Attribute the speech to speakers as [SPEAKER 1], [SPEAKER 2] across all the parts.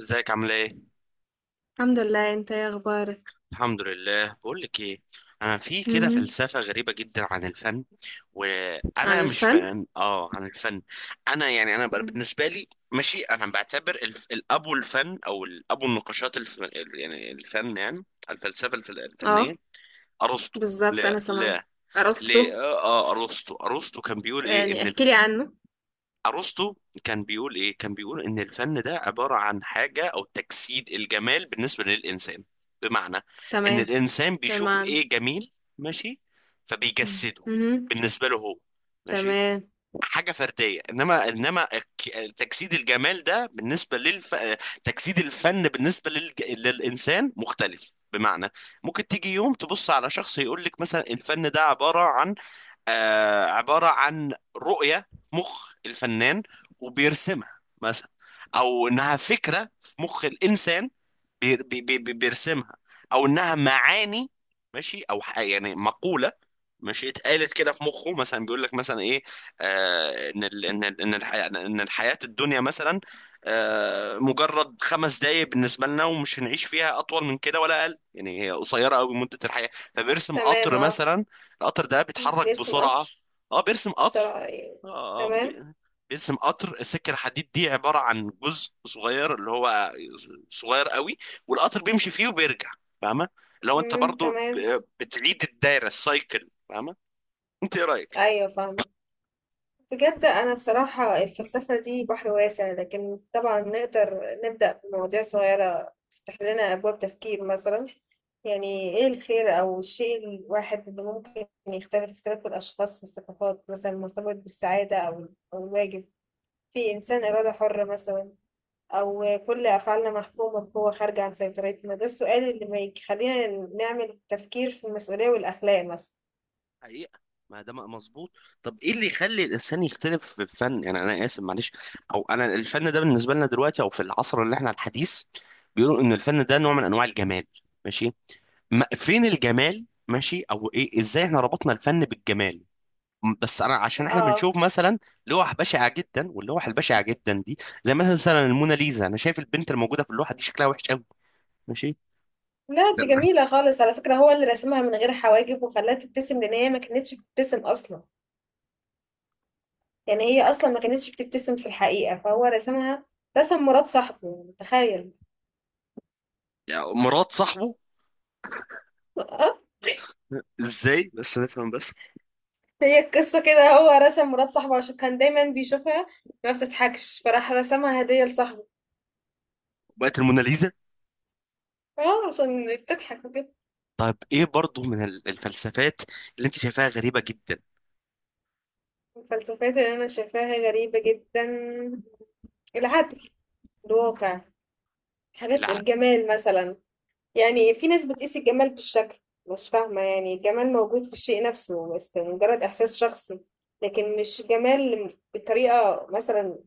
[SPEAKER 1] ازيك، عامله ايه؟
[SPEAKER 2] الحمد لله. انت ايه اخبارك؟
[SPEAKER 1] الحمد لله. بقول لك ايه، انا في كده
[SPEAKER 2] مهم.
[SPEAKER 1] فلسفه غريبه جدا عن الفن. وانا
[SPEAKER 2] عن
[SPEAKER 1] مش
[SPEAKER 2] الفن.
[SPEAKER 1] فن اه عن الفن. انا يعني انا
[SPEAKER 2] مم.
[SPEAKER 1] بالنسبه لي، ماشي، انا بعتبر الابو الفن او الابو النقاشات يعني الفن، يعني الفلسفه
[SPEAKER 2] اه،
[SPEAKER 1] الفنيه، ارسطو.
[SPEAKER 2] بالظبط انا
[SPEAKER 1] لا،
[SPEAKER 2] سامعه.
[SPEAKER 1] لا،
[SPEAKER 2] ارسطو.
[SPEAKER 1] ليه؟ ارسطو، ارسطو كان بيقول ايه
[SPEAKER 2] يعني
[SPEAKER 1] ان...
[SPEAKER 2] احكي لي عنه.
[SPEAKER 1] ارسطو كان بيقول ايه، كان بيقول ان الفن ده عبارة عن حاجة، او تجسيد الجمال بالنسبة للانسان. بمعنى ان
[SPEAKER 2] تمام.
[SPEAKER 1] الانسان بيشوف
[SPEAKER 2] تمام.
[SPEAKER 1] ايه جميل، ماشي،
[SPEAKER 2] مم.
[SPEAKER 1] فبيجسده
[SPEAKER 2] مهم.
[SPEAKER 1] بالنسبة له هو. ماشي.
[SPEAKER 2] تمام.
[SPEAKER 1] حاجة فردية. انما تجسيد الجمال ده بالنسبة تجسيد الفن بالنسبة للانسان مختلف. بمعنى ممكن تيجي يوم تبص على شخص يقول لك مثلا الفن ده عبارة عن... عبارة عن رؤية في مخ الفنان، وبيرسمها مثلا، أو إنها فكرة في مخ الإنسان. بيرسمها. او انها معاني، ماشي، او يعني مقولة، ماشي، اتقالت كده في مخه. مثلا بيقول لك مثلا ايه، ان الحياة الدنيا مثلا مجرد خمس دقايق بالنسبة لنا، ومش هنعيش فيها اطول من كده ولا اقل. يعني هي قصيرة قوي مدة الحياة. فبيرسم
[SPEAKER 2] تمام.
[SPEAKER 1] قطر
[SPEAKER 2] اه،
[SPEAKER 1] مثلا، القطر ده بيتحرك
[SPEAKER 2] بيرسم
[SPEAKER 1] بسرعة.
[SPEAKER 2] قطر.
[SPEAKER 1] اه، بيرسم قطر.
[SPEAKER 2] بسرعة يعني.
[SPEAKER 1] اه آه،
[SPEAKER 2] تمام.
[SPEAKER 1] بي- بيرسم قطر، السكة الحديد دي عبارة عن جزء صغير، اللي هو صغير قوي، والقطر بيمشي فيه وبيرجع. فاهمه؟ لو انت
[SPEAKER 2] مم.
[SPEAKER 1] برضو
[SPEAKER 2] تمام.
[SPEAKER 1] بتعيد الدايره السايكل، فاهمه؟ انت ايه رايك؟
[SPEAKER 2] ايوه، فاهمة. بجد أنا بصراحة الفلسفة دي بحر واسع، لكن طبعا نقدر نبدأ بمواضيع صغيرة تفتح لنا أبواب تفكير. مثلا يعني إيه الخير أو الشيء الواحد اللي ممكن يختلف اختلاف الأشخاص والثقافات، مثلا مرتبط بالسعادة أو أو الواجب. في إنسان إرادة حرة مثلا، أو كل أفعالنا محكومة بقوة خارجة عن سيطرتنا؟ ده السؤال اللي ما يخلينا نعمل تفكير في المسؤولية والأخلاق مثلا.
[SPEAKER 1] حقيقة. ما ده مظبوط. طب ايه اللي يخلي الانسان يختلف في الفن؟ يعني انا اسف، معلش. او انا الفن ده بالنسبه لنا دلوقتي، او في العصر اللي احنا الحديث، بيقولوا ان الفن ده نوع من انواع الجمال. ماشي. ما فين الجمال؟ ماشي. او ايه؟ ازاي احنا ربطنا الفن بالجمال؟ بس انا عشان احنا
[SPEAKER 2] آه،
[SPEAKER 1] بنشوف مثلا لوح بشعه جدا، واللوح البشعه جدا دي زي مثلا الموناليزا. انا شايف البنت الموجوده في اللوحه دي شكلها وحش قوي، ماشي.
[SPEAKER 2] لا، دي جميلة خالص على فكرة. هو اللي رسمها من غير حواجب وخلاها تبتسم، لأن هي ما كانتش بتبتسم أصلا. يعني هي أصلا ما كانتش بتبتسم في الحقيقة، فهو رسمها. رسم مرات صاحبه، يعني تخيل.
[SPEAKER 1] يعني مرات صاحبه؟
[SPEAKER 2] اه.
[SPEAKER 1] ازاي بس نفهم؟ بس
[SPEAKER 2] هي القصة كده، هو رسم مرات صاحبه عشان كان دايما بيشوفها ما بتضحكش، فراح رسمها هدية لصاحبه.
[SPEAKER 1] بقت الموناليزا.
[SPEAKER 2] اه، عشان بتضحك وكده.
[SPEAKER 1] طيب ايه برضو من الفلسفات اللي انت شايفاها غريبه جدا؟
[SPEAKER 2] الفلسفات اللي أنا شايفاها غريبة جدا، العدل، الواقع، حاجات
[SPEAKER 1] العقل.
[SPEAKER 2] الجمال مثلا. يعني في ناس بتقيس الجمال بالشكل. مش فاهمة، يعني الجمال موجود في الشيء نفسه بس مجرد إحساس شخصي، لكن مش جمال بطريقة مثلا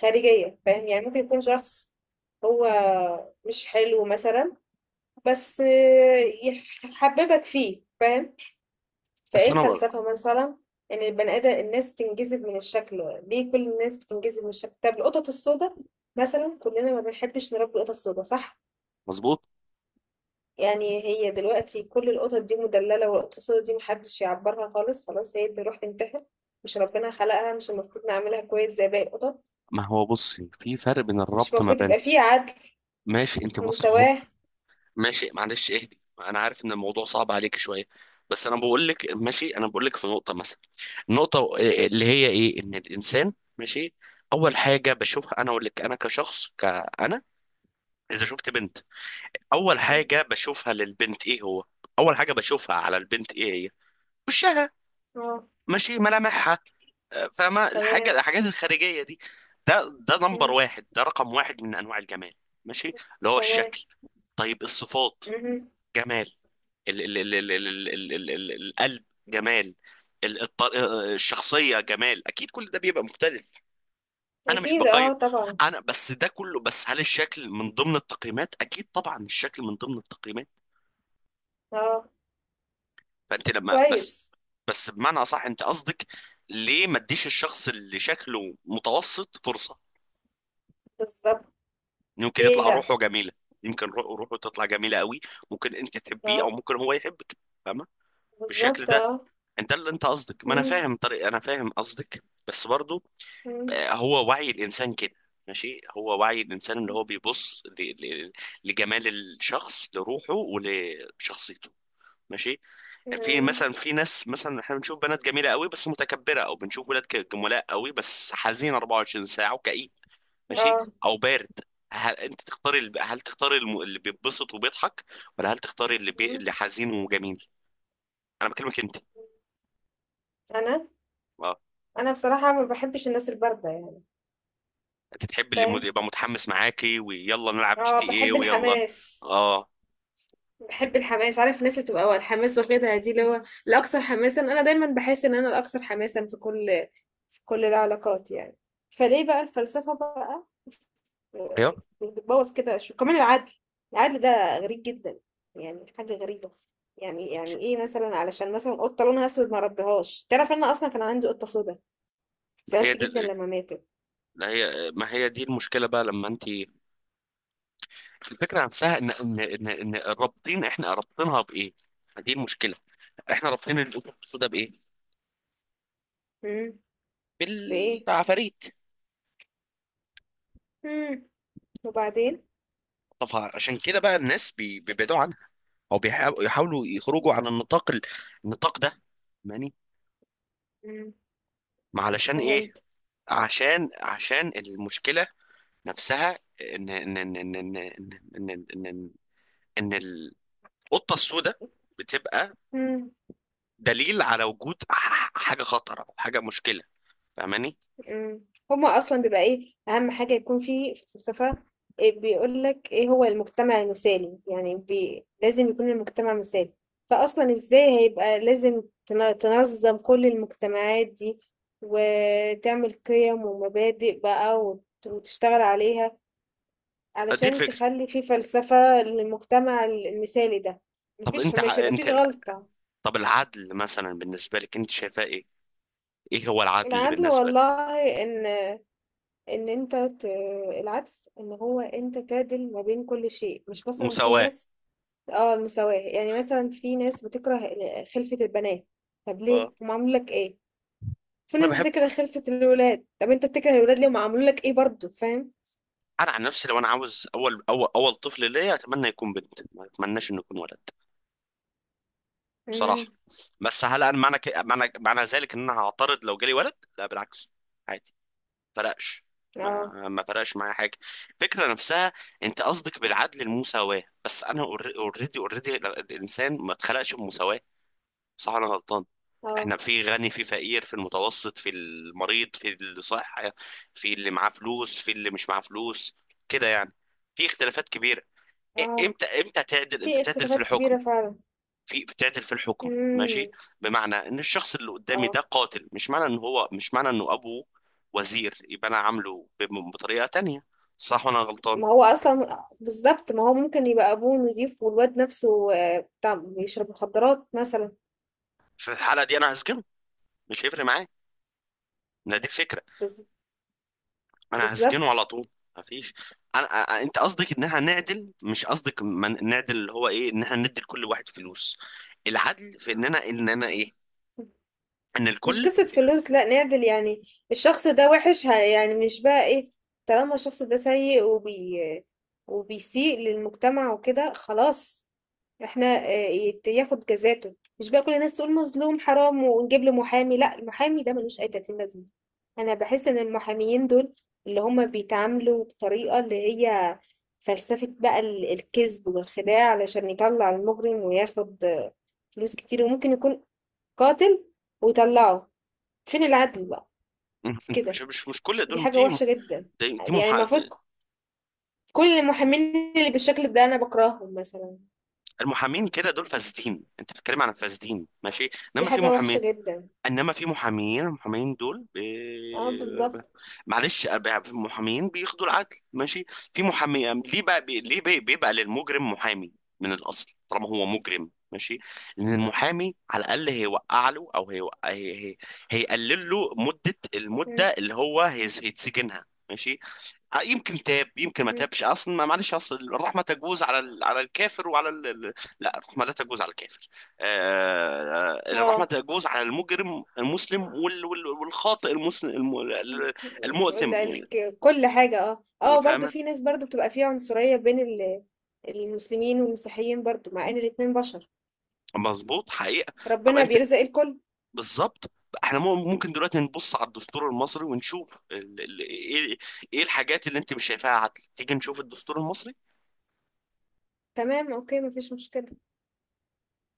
[SPEAKER 2] خارجية. فاهم؟ يعني ممكن يكون شخص هو مش حلو مثلا، بس يحببك فيه. فاهم؟ فايه
[SPEAKER 1] بس انا بقى.
[SPEAKER 2] الفلسفة مثلا ان البني ادم الناس تنجذب من الشكل. ليه كل الناس بتنجذب من الشكل؟ طب القطط السوداء مثلا، كلنا ما بنحبش نربي قطط سوداء، صح؟
[SPEAKER 1] مظبوط.
[SPEAKER 2] يعني هي دلوقتي كل القطط دي مدللة، والقطط دي محدش يعبرها خالص، خلاص، هي اللي روح تنتحر؟ مش ربنا خلقها؟ مش المفروض نعملها كويس زي باقي القطط؟
[SPEAKER 1] ما هو بص، في فرق بين
[SPEAKER 2] مش
[SPEAKER 1] الربط ما
[SPEAKER 2] المفروض
[SPEAKER 1] بين...
[SPEAKER 2] يبقى فيه عدل
[SPEAKER 1] ماشي، انت بص، هو
[SPEAKER 2] ومساواة؟
[SPEAKER 1] ماشي، معلش، اهدي، انا عارف ان الموضوع صعب عليك شويه. بس انا بقول لك، ماشي، انا بقول لك في نقطه مثلا، النقطه اللي هي ايه؟ ان الانسان، ماشي، اول حاجه بشوفها، انا اقول لك، انا كشخص، كأنا اذا شفت بنت، اول
[SPEAKER 2] مم.
[SPEAKER 1] حاجه بشوفها للبنت ايه هو؟ اول حاجه بشوفها على البنت ايه هي؟ وشها،
[SPEAKER 2] اه.
[SPEAKER 1] ماشي، ملامحها. فاهمه؟
[SPEAKER 2] تمام.
[SPEAKER 1] الحاجات الخارجيه دي،
[SPEAKER 2] مم.
[SPEAKER 1] ده رقم واحد من انواع الجمال. ماشي. اللي هو
[SPEAKER 2] تمام.
[SPEAKER 1] الشكل. طيب الصفات،
[SPEAKER 2] مهم.
[SPEAKER 1] جمال. ال ال ال ال ال ال ال ال القلب جمال. الشخصية جمال، أكيد كل ده بيبقى مختلف. أنا مش
[SPEAKER 2] أكيد
[SPEAKER 1] بقيم،
[SPEAKER 2] اه طبعا.
[SPEAKER 1] أنا بس ده كله. بس هل الشكل من ضمن التقييمات؟ أكيد طبعا الشكل من ضمن التقييمات.
[SPEAKER 2] اه.
[SPEAKER 1] فأنت لما، بس
[SPEAKER 2] كويس.
[SPEAKER 1] بس بمعنى أصح، أنت قصدك ليه ما تديش الشخص اللي شكله متوسط فرصة؟
[SPEAKER 2] بالظبط.
[SPEAKER 1] يمكن
[SPEAKER 2] ليه
[SPEAKER 1] يطلع
[SPEAKER 2] لأ.
[SPEAKER 1] روحه جميلة. يمكن روحه تطلع جميلة قوي. ممكن أنت تحبيه، أو
[SPEAKER 2] اه،
[SPEAKER 1] ممكن هو يحبك. فاهمة؟ بالشكل
[SPEAKER 2] بالظبط.
[SPEAKER 1] ده،
[SPEAKER 2] اه.
[SPEAKER 1] ده اللي انت قصدك. ما انا
[SPEAKER 2] مم.
[SPEAKER 1] فاهم طريق، انا فاهم قصدك، بس برضو
[SPEAKER 2] مم.
[SPEAKER 1] هو وعي الانسان كده. ماشي. هو وعي الانسان اللي هو بيبص لجمال الشخص، لروحه ولشخصيته. ماشي. في
[SPEAKER 2] مم.
[SPEAKER 1] مثلا، في ناس مثلا احنا بنشوف بنات جميله قوي بس متكبره، او بنشوف ولاد جملاء قوي بس حزين 24 ساعه وكئيب، ماشي،
[SPEAKER 2] اه.
[SPEAKER 1] او بارد. هل انت تختاري الب- هل تختاري اللي بيتبسط وبيضحك، ولا هل تختاري
[SPEAKER 2] مم.
[SPEAKER 1] اللي حزين وجميل؟ انا بكلمك انت.
[SPEAKER 2] أنا بصراحة ما بحبش الناس الباردة يعني.
[SPEAKER 1] انت تحب اللي
[SPEAKER 2] فاهم.
[SPEAKER 1] يبقى متحمس معاكي ويلا نلعب جي
[SPEAKER 2] اه،
[SPEAKER 1] تي ايه
[SPEAKER 2] بحب
[SPEAKER 1] ويلا؟
[SPEAKER 2] الحماس.
[SPEAKER 1] اه.
[SPEAKER 2] بحب الحماس. عارف الناس اللي بتبقى الحماس واخدها، دي اللي هو الاكثر حماسا. انا دايما بحس ان انا الاكثر حماسا في كل في كل العلاقات يعني. فليه بقى الفلسفة بقى
[SPEAKER 1] هي
[SPEAKER 2] بتبوظ كده؟ شو كمان؟ العدل. العدل ده غريب جدا، يعني حاجة غريبة. يعني يعني ايه مثلا علشان مثلا قطة لونها اسود ما ربيهاش؟ تعرف ان انا اصلا كان عندي قطة سودا،
[SPEAKER 1] ما هي
[SPEAKER 2] سألت جدا
[SPEAKER 1] دي
[SPEAKER 2] لما ماتت.
[SPEAKER 1] لا، هي ما هي دي المشكله بقى لما انت... الفكره نفسها إن رابطين، احنا رابطينها بايه؟ دي المشكله. احنا رابطين القطط السوداء بايه؟
[SPEAKER 2] امم. بايه؟
[SPEAKER 1] بالعفاريت.
[SPEAKER 2] امم. وبعدين؟
[SPEAKER 1] طب عشان كده بقى الناس بيبعدوا عنها، او بيحاولوا يحاولوا يخرجوا عن النطاق ده. ماني.
[SPEAKER 2] امم.
[SPEAKER 1] ما علشان ايه؟ عشان المشكله نفسها ان ان ان ان ان ان ان إن, إن القطه السوداء بتبقى
[SPEAKER 2] فهمت.
[SPEAKER 1] دليل على وجود حاجه خطره، او حاجه مشكله. فاهماني؟
[SPEAKER 2] إمم. هُم أصلًا بيبقى إيه، أهم حاجة يكون في في الفلسفة، بيقول لك إيه هو المجتمع المثالي، يعني بي لازم يكون المجتمع مثالي. فأصلًا إزاي هيبقى؟ لازم تنظّم كل المجتمعات دي، وتعمل قِيَم ومبادئ بقى، وتشتغل عليها،
[SPEAKER 1] دي
[SPEAKER 2] علشان
[SPEAKER 1] الفكره.
[SPEAKER 2] تخلّي في فلسفة للمجتمع المثالي ده، ما
[SPEAKER 1] طب
[SPEAKER 2] فيش
[SPEAKER 1] انت
[SPEAKER 2] مش هيبقى في
[SPEAKER 1] انت،
[SPEAKER 2] غلطة.
[SPEAKER 1] طب العدل مثلا بالنسبه لك، انت شايفاه ايه؟ ايه هو العدل
[SPEAKER 2] العدل
[SPEAKER 1] بالنسبه لك؟
[SPEAKER 2] والله، إن إن أنت ت العدل إن هو أنت تعدل ما بين كل شيء، مش مثلًا في
[SPEAKER 1] مساواه.
[SPEAKER 2] ناس. آه، المساواة. يعني مثلًا في ناس بتكره خلفة البنات، طب ليه؟
[SPEAKER 1] اه،
[SPEAKER 2] هُم عملوا لك إيه؟ في
[SPEAKER 1] انا
[SPEAKER 2] ناس
[SPEAKER 1] بحب.
[SPEAKER 2] بتكره خلفة الولاد، طب أنت بتكره الولاد ليه؟ هُم عملوا لك إيه برضه؟ فاهم؟
[SPEAKER 1] انا عن نفسي لو انا عاوز اول طفل ليا، اتمنى يكون بنت، ما اتمناش انه يكون ولد، بصراحه.
[SPEAKER 2] إمم.
[SPEAKER 1] بس هل انا معنى ك... معنى معنى ذلك ان انا هعترض لو جالي ولد؟ لا بالعكس، فرقش. ما
[SPEAKER 2] آه.
[SPEAKER 1] ما فرقش معايا حاجه. الفكره نفسها. انت قصدك بالعدل المساواه. بس انا اوريدي الانسان ما اتخلقش بمساواه، صح ولا انا غلطان؟
[SPEAKER 2] آه.
[SPEAKER 1] احنا في غني، في فقير، في المتوسط، في المريض، في اللي صح، في اللي معاه فلوس، في اللي مش معاه فلوس، كده يعني، في اختلافات كبيره. إ-
[SPEAKER 2] آه.
[SPEAKER 1] امتى امتى
[SPEAKER 2] في
[SPEAKER 1] تعدل في
[SPEAKER 2] اختلافات
[SPEAKER 1] الحكم،
[SPEAKER 2] كبيرة فعلًا.
[SPEAKER 1] في بتعدل في الحكم، ماشي.
[SPEAKER 2] إمم.
[SPEAKER 1] بمعنى ان الشخص اللي قدامي ده
[SPEAKER 2] آه.
[SPEAKER 1] قاتل، مش معنى انه ابوه وزير يبقى انا عامله بطريقه تانية، صح وانا غلطان.
[SPEAKER 2] ما هو أصلًا بالضبط، ما هو ممكن يبقى أبوه نضيف والواد نفسه آه، بتاع بيشرب مخدرات مثلًا.
[SPEAKER 1] في الحاله دي انا هسجنه. مش هيفرق معايا. ما دي الفكره.
[SPEAKER 2] بالض
[SPEAKER 1] انا هسجنه
[SPEAKER 2] بالضبط.
[SPEAKER 1] على طول. ما فيش. انا انت قصدك ان احنا نعدل، مش قصدك نعدل اللي هو ايه، ان احنا ندي لكل واحد فلوس. العدل في ان انا، ايه، ان
[SPEAKER 2] مش
[SPEAKER 1] الكل.
[SPEAKER 2] قصة فلوس، لا، نعدل يعني. الشخص ده وحش يعني مش بقى ايه، طالما الشخص ده سيء وبيسيء للمجتمع وكده، خلاص احنا آه، ياخد جزاته. مش بقى كل الناس تقول مظلوم حرام ونجيب له محامي. لا، المحامي ده ملوش اي 30 لازمة. انا بحس ان المحاميين دول اللي هما بيتعاملوا بطريقة اللي هي فلسفة بقى الكذب والخداع علشان يطلع المجرم وياخد آه، فلوس كتير، وممكن يكون قاتل ويطلعه. فين العدل بقى في
[SPEAKER 1] انت
[SPEAKER 2] كده؟
[SPEAKER 1] مش كل
[SPEAKER 2] دي
[SPEAKER 1] دول
[SPEAKER 2] حاجة
[SPEAKER 1] في
[SPEAKER 2] وحشة جدا.
[SPEAKER 1] دي دي
[SPEAKER 2] يعني
[SPEAKER 1] محا...
[SPEAKER 2] المفروض كل المحامين اللي بالشكل ده انا بكرههم مثلا.
[SPEAKER 1] المحامين كده دول فاسدين، انت بتتكلم عن فاسدين، ماشي.
[SPEAKER 2] دي
[SPEAKER 1] انما في
[SPEAKER 2] حاجة وحشة
[SPEAKER 1] محامين
[SPEAKER 2] جدا.
[SPEAKER 1] انما في محامين المحامين دول
[SPEAKER 2] اه، بالظبط.
[SPEAKER 1] معلش محامين بياخدوا العدل، ماشي. في محامي ليه بقى بيبقى للمجرم محامي من الاصل طالما هو مجرم، ماشي، لان المحامي على الاقل هيوقع له، او هيقلل له
[SPEAKER 2] مم.
[SPEAKER 1] المده اللي هو هيتسجنها، ماشي. يمكن تاب يمكن ما
[SPEAKER 2] مم.
[SPEAKER 1] تابش اصلا. ما معلش اصل الرحمه تجوز على الكافر، وعلى لا، الرحمه لا تجوز على الكافر. الرحمة
[SPEAKER 2] اه،
[SPEAKER 1] تجوز على المجرم المسلم والخاطئ المسلم المؤثم يعني.
[SPEAKER 2] كل حاجة. اه اه، برضو
[SPEAKER 1] فاهمة؟
[SPEAKER 2] في ناس برضو بتبقى فيها عنصرية بين المسلمين والمسيحيين، برضو مع ان الاتنين بشر.
[SPEAKER 1] مظبوط حقيقة. طب
[SPEAKER 2] ربنا
[SPEAKER 1] انت،
[SPEAKER 2] بيرزق الكل.
[SPEAKER 1] بالظبط، احنا ممكن دلوقتي نبص على الدستور المصري، ونشوف ايه، إيه الحاجات اللي انت مش شايفاها عدل؟ تيجي نشوف الدستور المصري.
[SPEAKER 2] تمام، اوكي، مفيش مشكلة.